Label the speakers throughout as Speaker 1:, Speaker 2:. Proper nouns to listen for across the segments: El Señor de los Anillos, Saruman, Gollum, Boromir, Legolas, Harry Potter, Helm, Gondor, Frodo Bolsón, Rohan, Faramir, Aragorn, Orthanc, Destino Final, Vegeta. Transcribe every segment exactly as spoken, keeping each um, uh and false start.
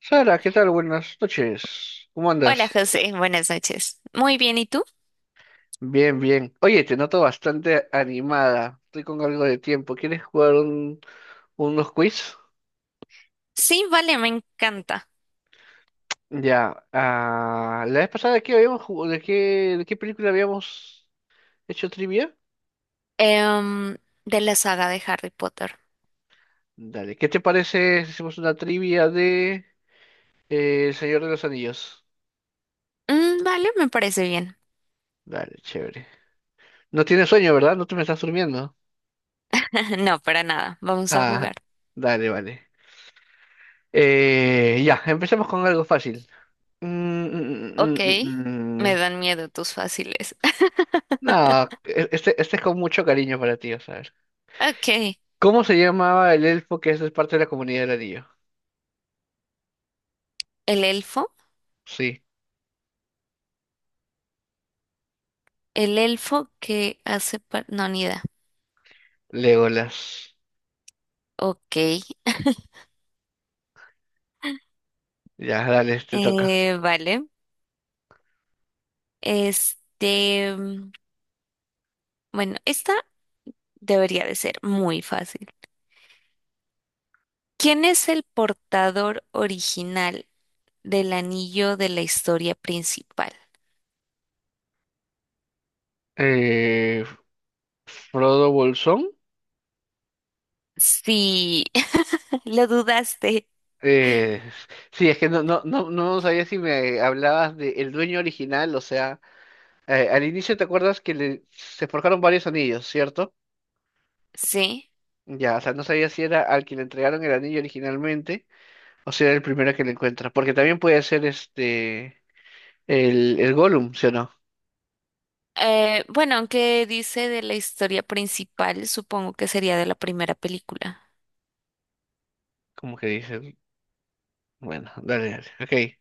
Speaker 1: Sara, ¿qué tal? Buenas noches. ¿Cómo
Speaker 2: Hola
Speaker 1: andas?
Speaker 2: José, buenas noches. Muy bien, ¿y tú?
Speaker 1: Bien, bien. Oye, te noto bastante animada. Estoy con algo de tiempo. ¿Quieres jugar un- unos quiz?
Speaker 2: Sí, vale, me encanta.
Speaker 1: Ya. Ah, la vez pasada, ¿de qué habíamos jugado? ¿De qué, de qué película habíamos hecho trivia?
Speaker 2: Em, de la saga de Harry Potter.
Speaker 1: Dale, ¿qué te parece si hacemos una trivia de eh, El Señor de los Anillos?
Speaker 2: Mm, vale, me parece bien.
Speaker 1: Dale, chévere. No tienes sueño, ¿verdad? No te me estás durmiendo.
Speaker 2: No, para nada, vamos a
Speaker 1: Ah,
Speaker 2: jugar.
Speaker 1: Dale, vale. Eh, ya, empecemos con algo fácil. Mm, mm,
Speaker 2: Ok,
Speaker 1: mm, mm, mm. mm,
Speaker 2: me
Speaker 1: mm.
Speaker 2: dan miedo tus fáciles.
Speaker 1: No, e- este, este es con mucho cariño para ti, vas a ver.
Speaker 2: Ok,
Speaker 1: ¿Cómo se llamaba el elfo que es parte de la comunidad del anillo?
Speaker 2: el elfo.
Speaker 1: Sí,
Speaker 2: El elfo que hace... par- No, ni idea.
Speaker 1: Legolas.
Speaker 2: Ok,
Speaker 1: Ya, dale, te toca.
Speaker 2: eh, vale. Este... mm, Bueno, esta debería de ser muy fácil. ¿Quién es el portador original del anillo de la historia principal?
Speaker 1: Eh, Frodo Bolsón.
Speaker 2: Sí, lo dudaste,
Speaker 1: Eh, sí, es que no, no, no, no sabía si me hablabas de el dueño original, o sea, eh, al inicio te acuerdas que le, se forjaron varios anillos, ¿cierto?
Speaker 2: sí.
Speaker 1: Ya, o sea, no sabía si era al que le entregaron el anillo originalmente. O será el primero que le encuentra. Porque también puede ser este el, el Gollum, ¿sí o no?
Speaker 2: Eh, bueno, aunque dice de la historia principal, supongo que sería de la primera película.
Speaker 1: Como que dice. Bueno, dale, dale. Ok.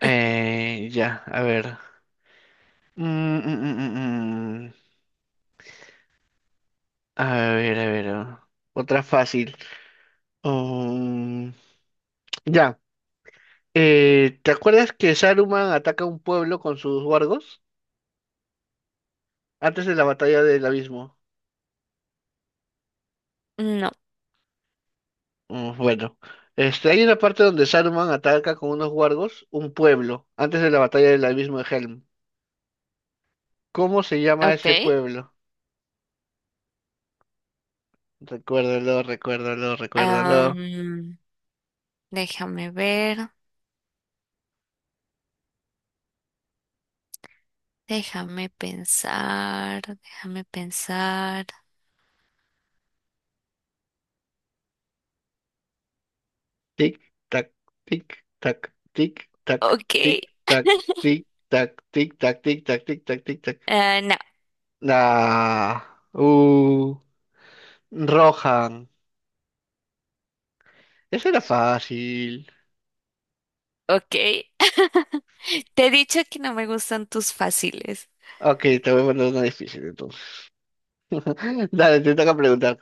Speaker 1: Eh, ya, a ver. Mm, mm, mm, mm, mm. A ver, a ver. ah. Otra fácil. Um, ya. Eh, ¿te acuerdas que Saruman ataca un pueblo con sus wargos? Antes de la batalla del abismo.
Speaker 2: No.
Speaker 1: Mm, bueno. Este, hay una parte donde Saruman ataca con unos wargos un pueblo antes de la batalla del abismo de Helm. ¿Cómo se llama
Speaker 2: Ok.
Speaker 1: ese pueblo? Recuérdalo, recuérdalo, recuérdalo.
Speaker 2: Am, Déjame ver, déjame pensar, déjame pensar.
Speaker 1: Tic, tac, tic, tac, tic, tac,
Speaker 2: Ok.
Speaker 1: tic, tac, tic, tac, tic, tac, tic, tac, tic, tac, tic, tac.
Speaker 2: Ah, no,
Speaker 1: Ah, uh, Rohan. Eso era fácil.
Speaker 2: ok. Te he dicho que no me gustan tus fáciles.
Speaker 1: Ok, te voy a mandar una difícil entonces. Dale, te toca preguntar.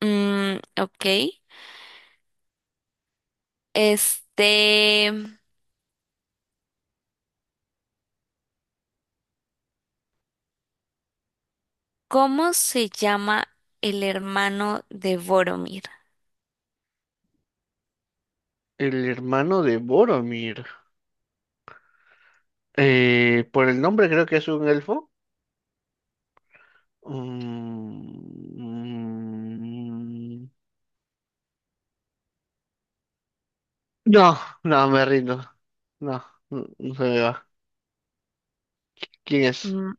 Speaker 2: Mm, ok. Este. ¿Cómo se llama el hermano de Boromir?
Speaker 1: El hermano de Boromir. Eh, por el nombre creo que es un elfo. Mm, No, no, me rindo. No, no, no se me va. ¿Quién es?
Speaker 2: Mm,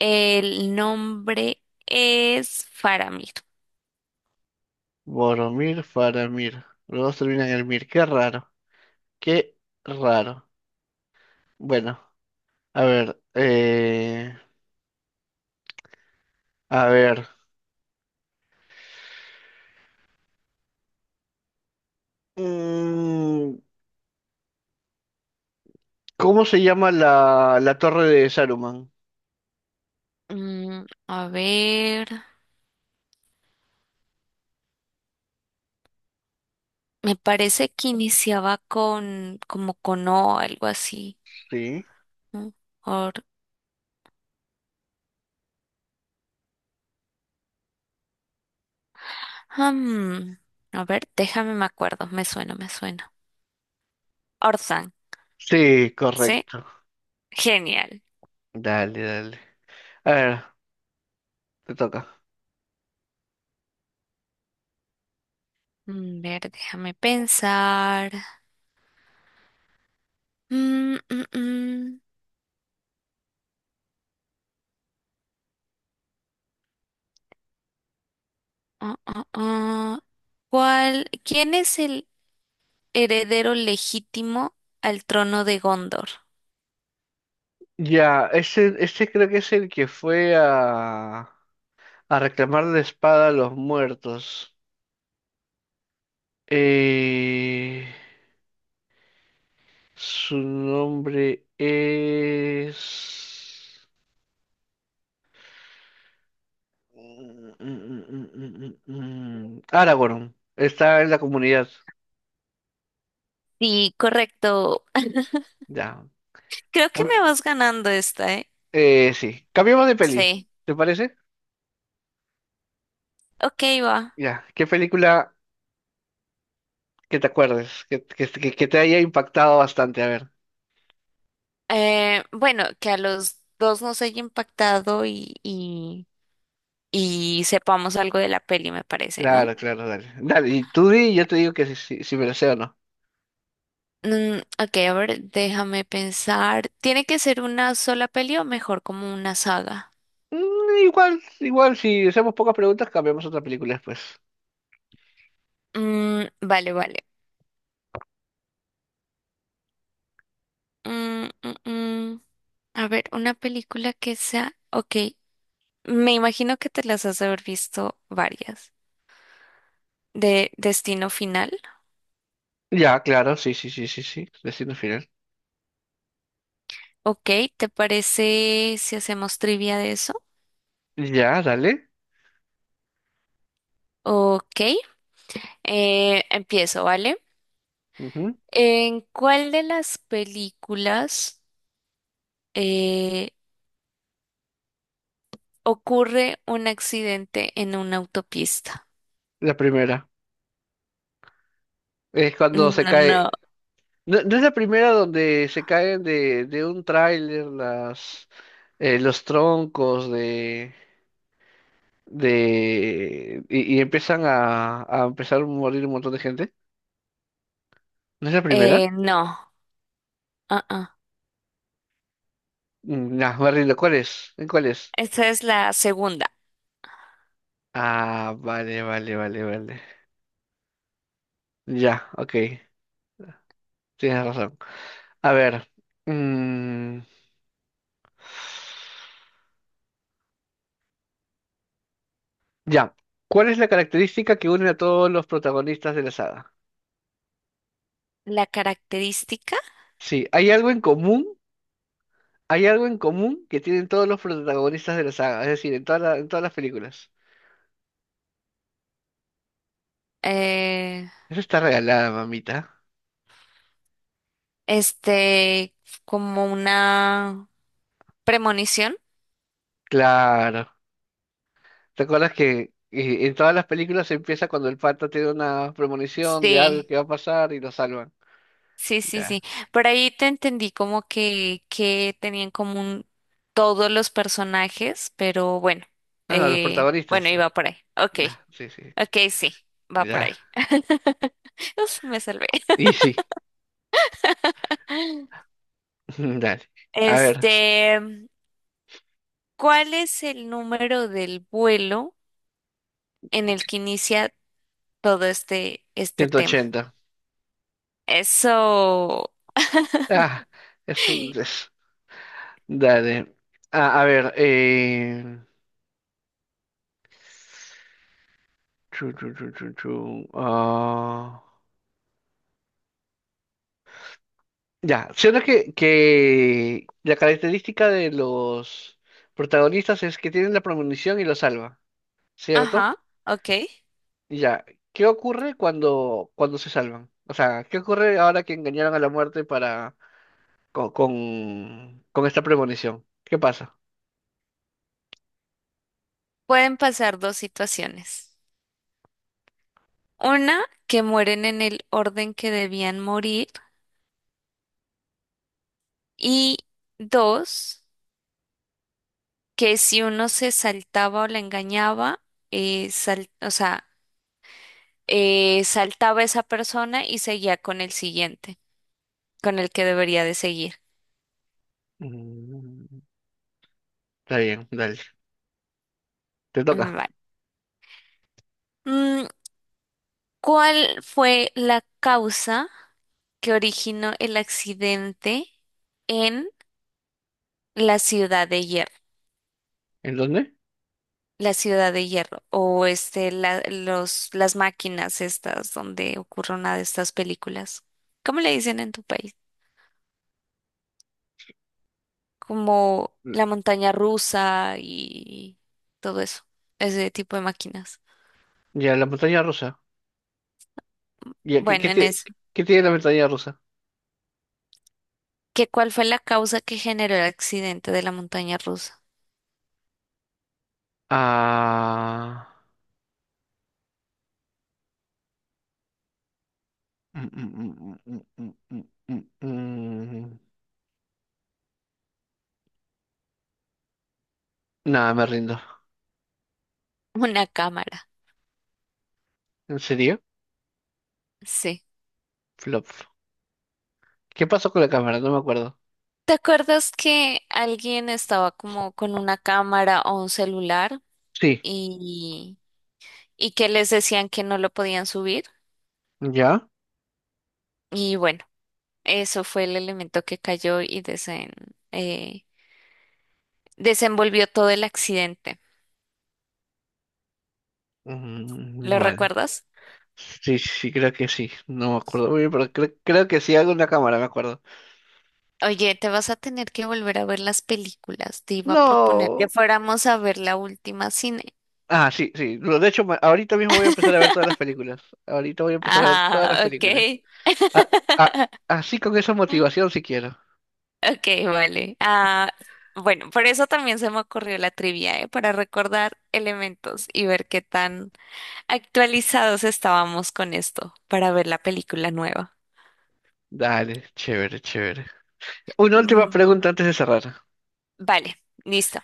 Speaker 2: el nombre es Faramir.
Speaker 1: Boromir, Faramir. Los dos terminan en el Mir. Qué raro. Qué raro. Bueno, a ver. Eh, a ver. Mm, ¿Cómo se llama la, la torre de Saruman?
Speaker 2: Mm, a ver, me parece que iniciaba con como con O, algo así.
Speaker 1: Sí.
Speaker 2: ¿No? Or- Hmm, a ver, déjame me acuerdo, me suena, me suena. Orthanc,
Speaker 1: Sí,
Speaker 2: ¿sí?
Speaker 1: correcto.
Speaker 2: Genial.
Speaker 1: Dale, dale. A ver, te toca.
Speaker 2: Mm, A ver, déjame pensar. Mm, mm, mm. Ah, ah, ah. ¿Cuál? ¿Quién es el heredero legítimo al trono de Gondor?
Speaker 1: Ya, ese, ese creo que es el que fue a, a reclamar la espada a los muertos. Eh, Su nombre es... Mm, mm, mm, mm, mm, mm, Aragorn. Está en la comunidad.
Speaker 2: Sí, correcto.
Speaker 1: Ya.
Speaker 2: Creo que
Speaker 1: Cam-
Speaker 2: me vas ganando esta, ¿eh?
Speaker 1: Eh, sí. Cambiamos de peli.
Speaker 2: Sí.
Speaker 1: ¿Te parece?
Speaker 2: Ok, va.
Speaker 1: Ya. ¿Qué película que te acuerdes? Que, que, que- que te haya impactado bastante. A ver.
Speaker 2: Eh, bueno, que a los dos nos haya impactado y, y, y sepamos algo de la peli, me parece, ¿no?
Speaker 1: Claro, claro, dale. Dale. Y tú di y yo te digo que si, si, si me la sé o no.
Speaker 2: Mm, ok, a ver, déjame pensar. ¿Tiene que ser una sola peli o mejor como una saga?
Speaker 1: Mm, igual, igual, si hacemos pocas preguntas, cambiamos otra película después.
Speaker 2: Mm, vale, vale. Mm, mm, mm. A ver, una película que sea... Ok. Me imagino que te las has de haber visto varias. De Destino Final.
Speaker 1: Ya, claro, sí, sí, sí, sí, sí. Destino final.
Speaker 2: Ok, ¿te parece si hacemos trivia de eso?
Speaker 1: Ya, dale.
Speaker 2: Ok, eh, empiezo, ¿vale?
Speaker 1: Ujú.
Speaker 2: ¿En cuál de las películas eh, ocurre un accidente en una autopista?
Speaker 1: La primera. Es
Speaker 2: No,
Speaker 1: cuando se
Speaker 2: no,
Speaker 1: cae. No, no es la primera donde se caen de, de un tráiler las eh, los troncos de de y, y empiezan a, a empezar a morir un montón de gente. ¿No es la primera?
Speaker 2: eh, no. Ah, ah.
Speaker 1: Mm, No, me rindo. ¿Cuál es? ¿En cuál es?
Speaker 2: Esta es la segunda.
Speaker 1: Ah, vale, vale, vale, vale. Ya, ok. Tienes razón. A ver. mm, Ya. ¿Cuál es la característica que une a todos los protagonistas de la saga?
Speaker 2: La característica,
Speaker 1: Sí, hay algo en común, hay algo en común que tienen todos los protagonistas de la saga, es decir, en toda la- en todas las películas.
Speaker 2: eh,
Speaker 1: Eso está regalada, mamita.
Speaker 2: este, como una premonición.
Speaker 1: Claro. ¿Te acuerdas que eh, en todas las películas empieza cuando el pata tiene una premonición de algo
Speaker 2: Sí,
Speaker 1: que va a pasar y lo salvan?
Speaker 2: sí, sí,
Speaker 1: Ya.
Speaker 2: sí. Por ahí te entendí como que, que tenían en común todos los personajes, pero bueno,
Speaker 1: Ah, no, los
Speaker 2: eh, bueno,
Speaker 1: protagonistas.
Speaker 2: iba por ahí. Ok,
Speaker 1: Ah, sí, sí.
Speaker 2: ok, sí, va por ahí.
Speaker 1: Ya.
Speaker 2: Uf, me salvé.
Speaker 1: Y sí. Dale. A ver,
Speaker 2: Este, ¿cuál es el número del vuelo en el que inicia todo este, este
Speaker 1: Ciento
Speaker 2: tema?
Speaker 1: ochenta.
Speaker 2: Eso,
Speaker 1: Ah, es, un- es- Dale. A, a ver, eh... chu, chu, chu, chu, chu, ah, ya, siendo que, que la característica de los protagonistas es que tienen la premonición y lo salva, ¿cierto?
Speaker 2: ajá, ok.
Speaker 1: Ya, ¿qué ocurre cuando, cuando se salvan? O sea, ¿qué ocurre ahora que engañaron a la muerte para con, con, con esta premonición? ¿Qué pasa?
Speaker 2: Pueden pasar dos situaciones. Una, que mueren en el orden que debían morir. Y dos, que si uno se saltaba o la engañaba, eh, sal- o sea, eh, saltaba esa persona y seguía con el siguiente, con el que debería de seguir.
Speaker 1: Mm, Está bien, dale. Te
Speaker 2: Mm,
Speaker 1: toca.
Speaker 2: vale. Mm, ¿Cuál fue la causa que originó el accidente en la ciudad de Hierro?
Speaker 1: ¿En dónde?
Speaker 2: La ciudad de hierro o este la- los las máquinas estas donde ocurre una de estas películas. ¿Cómo le dicen en tu país? Como
Speaker 1: Mm,
Speaker 2: la montaña rusa y todo eso, ese tipo de máquinas.
Speaker 1: Ya, la montaña rusa. Ya, ¿qué,
Speaker 2: Bueno,
Speaker 1: qué
Speaker 2: en
Speaker 1: tie-
Speaker 2: eso.
Speaker 1: ¿qué tiene la montaña rusa?
Speaker 2: ¿Qué cuál fue la causa que generó el accidente de la montaña rusa?
Speaker 1: Ah. mm, mm, mm, mm, mm, mm, mm, mm. Nada, me rindo.
Speaker 2: Una cámara.
Speaker 1: ¿En serio?
Speaker 2: Sí.
Speaker 1: Flop. ¿Qué pasó con la cámara? No me acuerdo.
Speaker 2: ¿Te acuerdas que alguien estaba como con una cámara o un celular
Speaker 1: Sí,
Speaker 2: y y que les decían que no lo podían subir?
Speaker 1: ¿ya?
Speaker 2: Y bueno, eso fue el elemento que cayó y desen- eh, desenvolvió todo el accidente.
Speaker 1: Mm,
Speaker 2: ¿Lo
Speaker 1: Vale.
Speaker 2: recuerdas?
Speaker 1: Sí, sí, sí, creo que sí. No me acuerdo muy bien, pero cre- creo que sí hago una cámara, me acuerdo.
Speaker 2: Oye, te vas a tener que volver a ver las películas. Te iba a proponer que
Speaker 1: No.
Speaker 2: fuéramos a ver la última cine.
Speaker 1: Ah, sí, sí. Lo, de hecho, ma- ahorita mismo voy a empezar a ver todas las películas. Ahorita voy a empezar a ver todas las
Speaker 2: Ah, ok.
Speaker 1: películas. Ah, ah, así con esa motivación, si quiero.
Speaker 2: Ok, vale. Ah, bueno, por eso también se me ocurrió la trivia, ¿eh? Para recordar elementos y ver qué tan actualizados estábamos con esto para ver la película nueva.
Speaker 1: Dale, chévere, chévere. Una última
Speaker 2: Mm,
Speaker 1: pregunta antes de cerrar.
Speaker 2: vale, listo.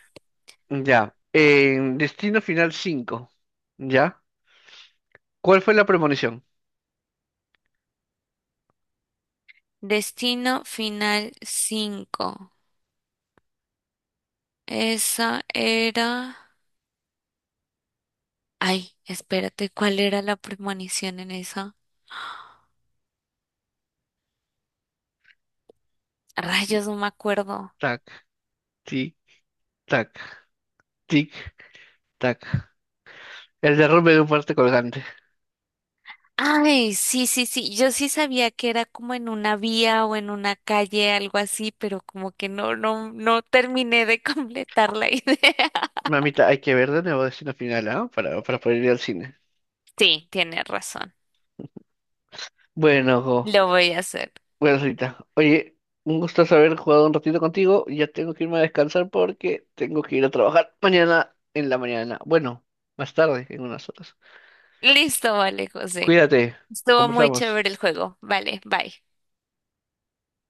Speaker 1: Ya. En Destino Final cinco. ¿Ya? ¿Cuál fue la premonición?
Speaker 2: Destino Final cinco. Esa era... Ay, espérate, ¿cuál era la premonición en esa?
Speaker 1: Tic,
Speaker 2: Rayos, no me acuerdo.
Speaker 1: tac, tic, tac, tic, tac. El derrumbe de un fuerte colgante.
Speaker 2: Ay, sí, sí, sí. Yo sí sabía que era como en una vía o en una calle, algo así, pero como que no, no, no terminé de completar la idea.
Speaker 1: Mamita, hay que ver de nuevo Destino Final, ¿ah? Para, para poder ir al cine.
Speaker 2: Sí, tienes razón.
Speaker 1: Bueno, Jo,
Speaker 2: Lo voy a hacer.
Speaker 1: bueno, Rita. Oye, un gusto haber jugado un ratito contigo. Ya tengo que irme a descansar porque tengo que ir a trabajar mañana en la mañana. Bueno, más tarde, en unas horas.
Speaker 2: Listo, vale, José.
Speaker 1: Cuídate,
Speaker 2: Estuvo muy
Speaker 1: conversamos.
Speaker 2: chévere el juego. Vale, bye.